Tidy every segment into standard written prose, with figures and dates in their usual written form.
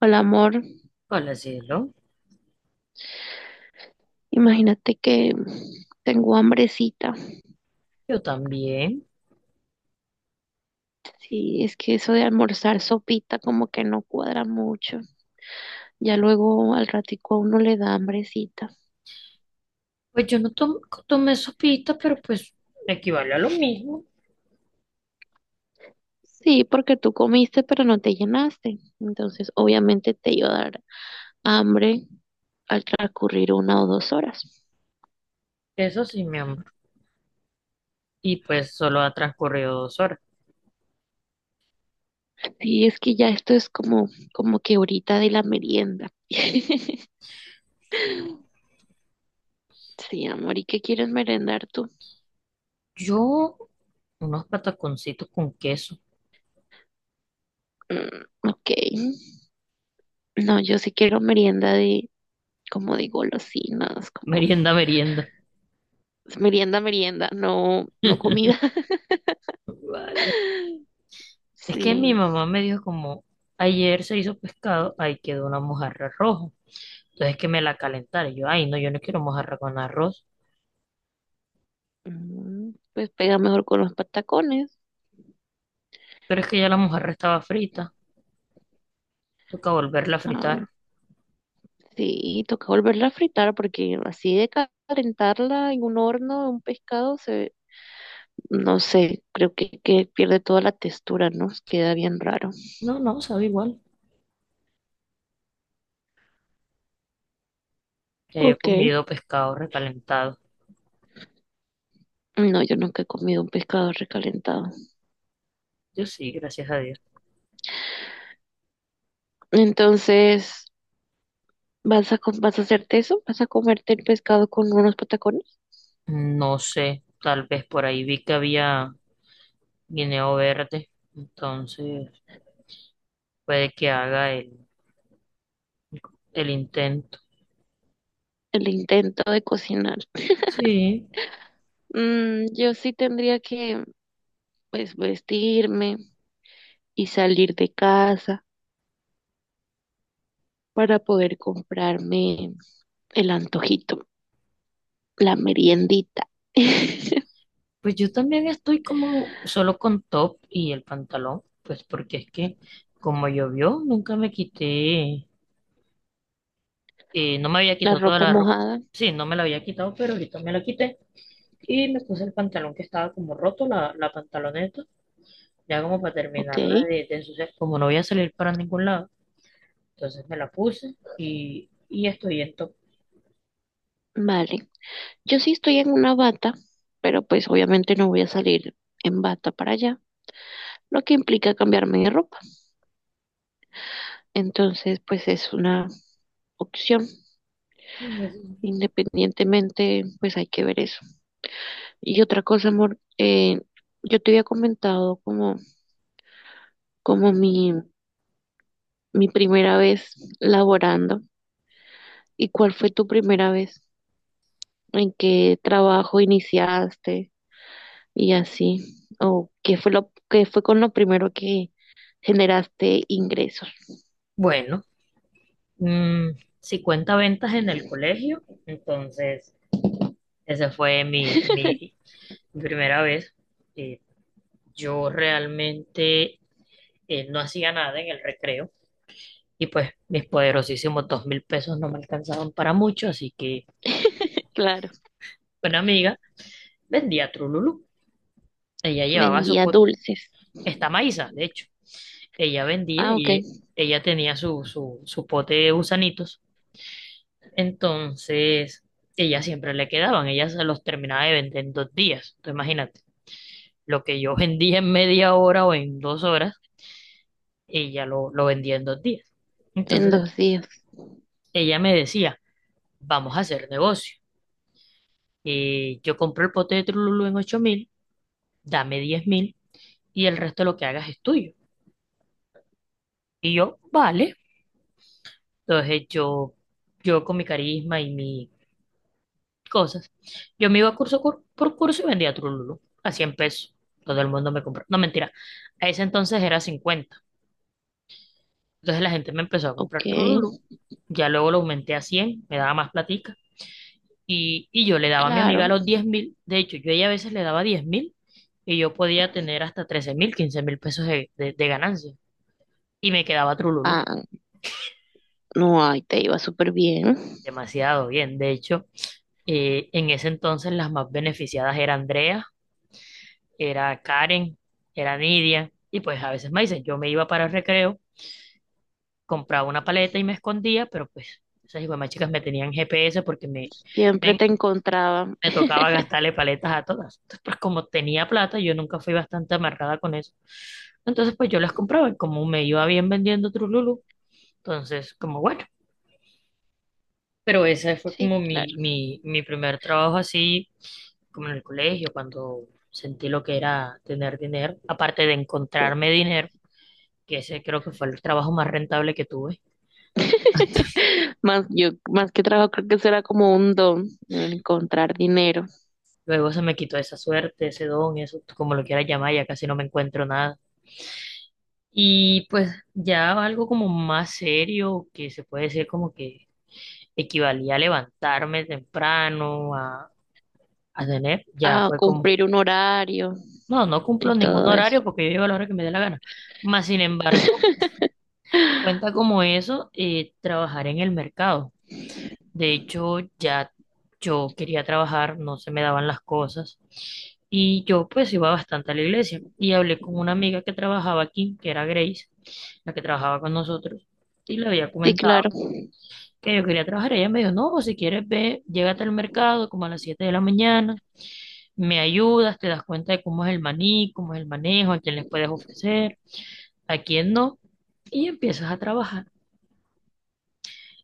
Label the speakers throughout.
Speaker 1: Hola, amor.
Speaker 2: Hola, cielo.
Speaker 1: Imagínate que tengo hambrecita.
Speaker 2: Yo también.
Speaker 1: Sí, es que eso de almorzar sopita como que no cuadra mucho. Ya luego al ratico a uno le da hambrecita.
Speaker 2: Pues yo no tom- tomé sopita, pero pues equivale a lo mismo.
Speaker 1: Sí, porque tú comiste pero no te llenaste. Entonces, obviamente te iba a dar hambre al transcurrir una o dos horas.
Speaker 2: Eso sí, mi amor. Y pues solo ha transcurrido dos horas.
Speaker 1: Sí, es que ya esto es como que ahorita de la merienda.
Speaker 2: Sí.
Speaker 1: Sí, amor, ¿y qué quieres merendar tú?
Speaker 2: Yo, unos pataconcitos con queso.
Speaker 1: Mm, ok. No, yo sí quiero merienda de, como de golosinas, como
Speaker 2: Merienda, merienda.
Speaker 1: merienda, merienda, no, no comida.
Speaker 2: Vale. Es que mi
Speaker 1: Sí,
Speaker 2: mamá me dijo como, ayer se hizo pescado, ahí quedó una mojarra roja. Entonces que me la calentara. Y yo, ay, no, yo no quiero mojarra con arroz.
Speaker 1: mm, pues pega mejor con los patacones.
Speaker 2: Pero es que ya la mojarra estaba frita. Toca volverla a
Speaker 1: Ah,
Speaker 2: fritar.
Speaker 1: sí, toca volverla a fritar porque así de calentarla en un horno un pescado se, no sé, creo que pierde toda la textura, ¿no? Queda bien raro.
Speaker 2: No, no, sabe igual. Ya yo he
Speaker 1: Ok.
Speaker 2: comido pescado recalentado.
Speaker 1: No, yo nunca he comido un pescado recalentado.
Speaker 2: Yo sí, gracias a Dios.
Speaker 1: Entonces, ¿vas a, vas a hacerte eso? ¿Vas a comerte el pescado con unos patacones?
Speaker 2: No sé, tal vez por ahí vi que había guineo verde, entonces puede que haga el intento.
Speaker 1: El intento de cocinar.
Speaker 2: Sí,
Speaker 1: Mm, yo sí tendría que, pues, vestirme y salir de casa para poder comprarme el antojito, la meriendita.
Speaker 2: pues yo también estoy como solo con top y el pantalón, pues porque es que como llovió, nunca me quité, no me había
Speaker 1: La
Speaker 2: quitado toda
Speaker 1: ropa
Speaker 2: la ropa.
Speaker 1: mojada,
Speaker 2: Sí, no me la había quitado, pero ahorita me la quité y me puse el pantalón que estaba como roto, la pantaloneta. Ya como para
Speaker 1: ok,
Speaker 2: terminarla de ensuciar, como no voy a salir para ningún lado, entonces me la puse y estoy en top.
Speaker 1: vale. Yo sí estoy en una bata, pero pues obviamente no voy a salir en bata para allá, lo que implica cambiarme de ropa. Entonces, pues es una opción. Independientemente, pues hay que ver eso. Y otra cosa, amor, yo te había comentado como, como mi primera vez laborando y cuál fue tu primera vez, en qué trabajo iniciaste y así, o qué fue lo, qué fue con lo primero que generaste ingresos.
Speaker 2: Bueno, mm, 50 ventas en el colegio, entonces esa fue mi primera vez. Eh, yo realmente no hacía nada en el recreo y pues mis poderosísimos 2000 pesos no me alcanzaban para mucho, así que
Speaker 1: Claro,
Speaker 2: una amiga vendía Trululú. Ella llevaba su,
Speaker 1: vendía
Speaker 2: po-
Speaker 1: dulces.
Speaker 2: está Maísa, de hecho. Ella vendía
Speaker 1: Ah, ok,
Speaker 2: y ella tenía su pote de gusanitos. Entonces, ella siempre le quedaban, ella se los terminaba de vender en dos días. Entonces, imagínate, lo que yo vendía en media hora o en dos horas, ella lo vendía en dos días.
Speaker 1: en
Speaker 2: Entonces,
Speaker 1: dos días.
Speaker 2: ella me decía, vamos a hacer negocio. Yo compro el pote de Trululú en 8000, dame 10 000 y el resto de lo que hagas es tuyo. Y yo, vale. Entonces, yo con mi carisma y mi cosas. Yo me iba por curso y vendía Trululú a 100 pesos. Todo el mundo me compró. No, mentira. A ese entonces era 50. Entonces la gente me empezó a
Speaker 1: Ok,
Speaker 2: comprar Trululú. Ya luego lo aumenté a 100. Me daba más platica. Y yo le daba a mi amiga
Speaker 1: claro.
Speaker 2: los 10 000. De hecho, yo a ella a veces le daba 10 000 y yo podía tener hasta 13 000, 15 000 pesos de, de ganancia. Y me quedaba Trululú.
Speaker 1: Ah, no, ahí te iba súper bien.
Speaker 2: Demasiado bien. De hecho, en ese entonces las más beneficiadas eran Andrea, era Karen, era Nidia, y pues a veces Maisen. Yo me iba para el recreo, compraba una paleta y me escondía, pero pues esas más chicas me tenían GPS porque
Speaker 1: Siempre
Speaker 2: me,
Speaker 1: te encontraba.
Speaker 2: me tocaba gastarle paletas a todas. Entonces, pues como tenía plata, yo nunca fui bastante amarrada con eso. Entonces, pues yo las compraba y como me iba bien vendiendo Trululu, entonces, como bueno. Pero ese fue
Speaker 1: Sí,
Speaker 2: como
Speaker 1: claro.
Speaker 2: mi primer trabajo así, como en el colegio, cuando sentí lo que era tener dinero, aparte de encontrarme dinero, que ese creo que fue el trabajo más rentable que tuve.
Speaker 1: Más, yo, más que trabajo, creo que será como un don, el encontrar dinero,
Speaker 2: Luego se me quitó esa suerte, ese don, eso, como lo quieras llamar, ya casi no me encuentro nada. Y pues ya algo como más serio, que se puede decir como que equivalía a levantarme temprano, a tener, ya
Speaker 1: a
Speaker 2: fue como,
Speaker 1: cumplir un horario
Speaker 2: no, no
Speaker 1: y
Speaker 2: cumplo ningún
Speaker 1: todo eso.
Speaker 2: horario porque yo llego a la hora que me dé la gana. Más sin embargo, cuenta como eso, trabajar en el mercado. De hecho, ya yo quería trabajar, no se me daban las cosas. Y yo pues iba bastante a la iglesia. Y hablé con una amiga que trabajaba aquí, que era Grace, la que trabajaba con nosotros. Y le había
Speaker 1: Sí,
Speaker 2: comentado
Speaker 1: claro.
Speaker 2: que yo quería trabajar. Ella me dijo, no, si quieres ve, llégate al mercado como a las 7 de la mañana, me ayudas, te das cuenta de cómo es el maní, cómo es el manejo, a quién les puedes ofrecer, a quién no. Y empiezas a trabajar.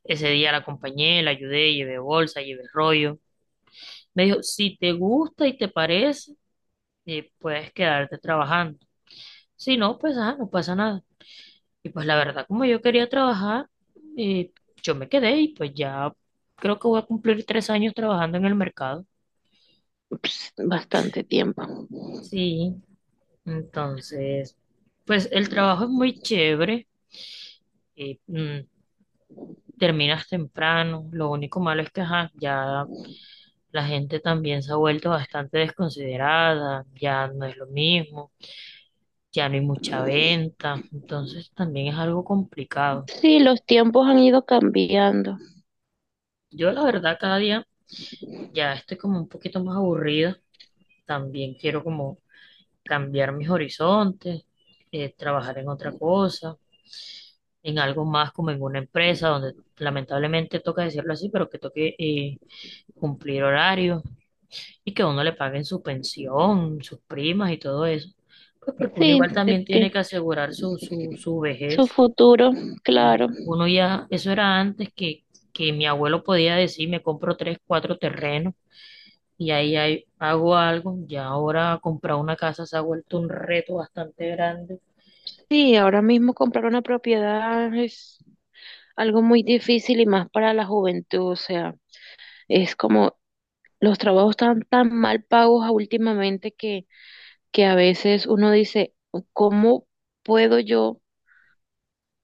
Speaker 2: Ese día la acompañé, la ayudé, llevé bolsa, llevé rollo. Me dijo, si te gusta y te parece, puedes quedarte trabajando. Si no, pues ah, no pasa nada. Y pues la verdad, como yo quería trabajar, eh, yo me quedé y pues ya creo que voy a cumplir 3 años trabajando en el mercado.
Speaker 1: Ups, bastante tiempo.
Speaker 2: Sí, entonces, pues el trabajo es muy chévere. eh, mm, Terminas temprano. Lo único malo es que ajá, ya la gente también se ha vuelto bastante desconsiderada. Ya no es lo mismo. Ya no hay mucha venta, entonces también es algo complicado.
Speaker 1: Sí, los tiempos han ido cambiando.
Speaker 2: Yo la verdad cada día ya estoy como un poquito más aburrida, también quiero como cambiar mis horizontes, trabajar en otra cosa, en algo más como en una empresa donde lamentablemente toca decirlo así, pero que toque cumplir horarios y que a uno le paguen su pensión, sus primas y todo eso. Pues porque uno
Speaker 1: Sí,
Speaker 2: igual
Speaker 1: de
Speaker 2: también
Speaker 1: que
Speaker 2: tiene que asegurar su
Speaker 1: su
Speaker 2: vejez.
Speaker 1: futuro,
Speaker 2: Y
Speaker 1: claro.
Speaker 2: uno ya, eso era antes que mi abuelo podía decir, me compro tres, cuatro terrenos y ahí hago algo. Ya ahora comprar una casa se ha vuelto un reto bastante grande.
Speaker 1: Sí, ahora mismo comprar una propiedad es algo muy difícil y más para la juventud. O sea, es como los trabajos están tan mal pagos últimamente que a veces uno dice, ¿cómo puedo yo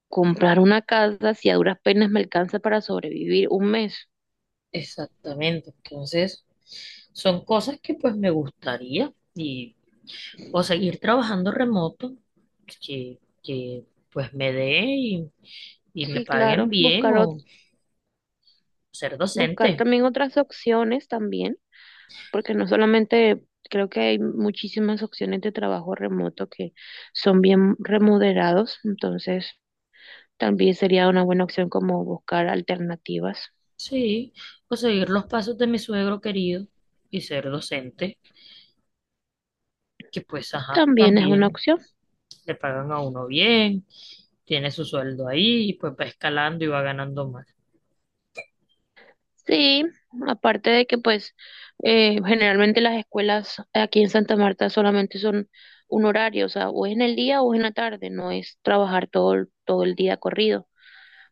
Speaker 1: comprar una casa si a duras penas me alcanza para sobrevivir un mes?
Speaker 2: Exactamente. Entonces, son cosas que pues me gustaría y o seguir trabajando remoto, que pues me dé y me
Speaker 1: Sí,
Speaker 2: paguen
Speaker 1: claro,
Speaker 2: bien
Speaker 1: buscar,
Speaker 2: o ser
Speaker 1: buscar
Speaker 2: docente.
Speaker 1: también otras opciones también. Porque no solamente creo que hay muchísimas opciones de trabajo remoto que son bien remunerados, entonces también sería una buena opción como buscar alternativas.
Speaker 2: Sí, o seguir los pasos de mi suegro querido y ser docente. Que pues, ajá,
Speaker 1: También es una
Speaker 2: también
Speaker 1: opción.
Speaker 2: le pagan a uno bien, tiene su sueldo ahí, y pues va escalando y va ganando más.
Speaker 1: Sí, aparte de que pues generalmente las escuelas aquí en Santa Marta solamente son un horario, o sea, o es en el día o es en la tarde, no es trabajar todo, todo el día corrido.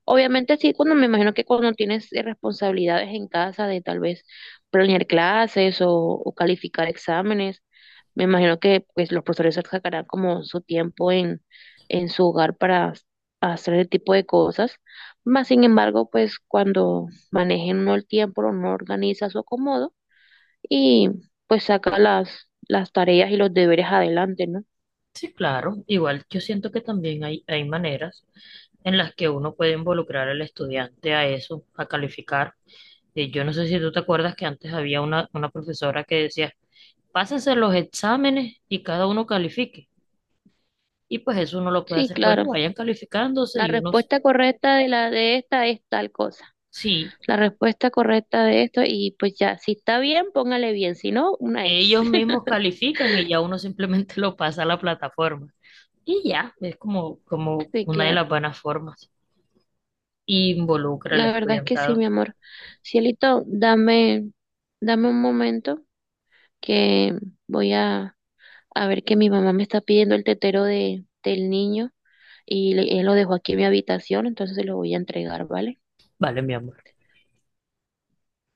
Speaker 1: Obviamente sí, cuando me imagino que cuando tienes responsabilidades en casa de tal vez planear clases o calificar exámenes, me imagino que pues los profesores sacarán como su tiempo en su hogar para hacer ese tipo de cosas. Más sin embargo, pues cuando manejen uno el tiempo, uno organiza su acomodo y pues saca las tareas y los deberes adelante, ¿no?
Speaker 2: Sí, claro, igual yo siento que también hay maneras en las que uno puede involucrar al estudiante a eso, a calificar. Yo no sé si tú te acuerdas que antes había una profesora que decía, pásense los exámenes y cada uno califique. Y pues eso uno lo puede
Speaker 1: Sí,
Speaker 2: hacer, bueno,
Speaker 1: claro.
Speaker 2: vayan calificándose
Speaker 1: La
Speaker 2: y unos,
Speaker 1: respuesta correcta de la de esta es tal cosa.
Speaker 2: sí,
Speaker 1: La respuesta correcta de esto y pues ya, si está bien, póngale bien, si no, una X.
Speaker 2: ellos mismos califican y ya uno simplemente lo pasa a la plataforma. Y ya, es como, como
Speaker 1: Sí,
Speaker 2: una de
Speaker 1: claro.
Speaker 2: las buenas formas. Involucra al
Speaker 1: La verdad es que sí, mi
Speaker 2: estudiantado.
Speaker 1: amor. Cielito, dame un momento que voy a ver que mi mamá me está pidiendo el tetero de, del niño y él lo dejó aquí en mi habitación, entonces se lo voy a entregar, ¿vale?
Speaker 2: Vale, mi amor.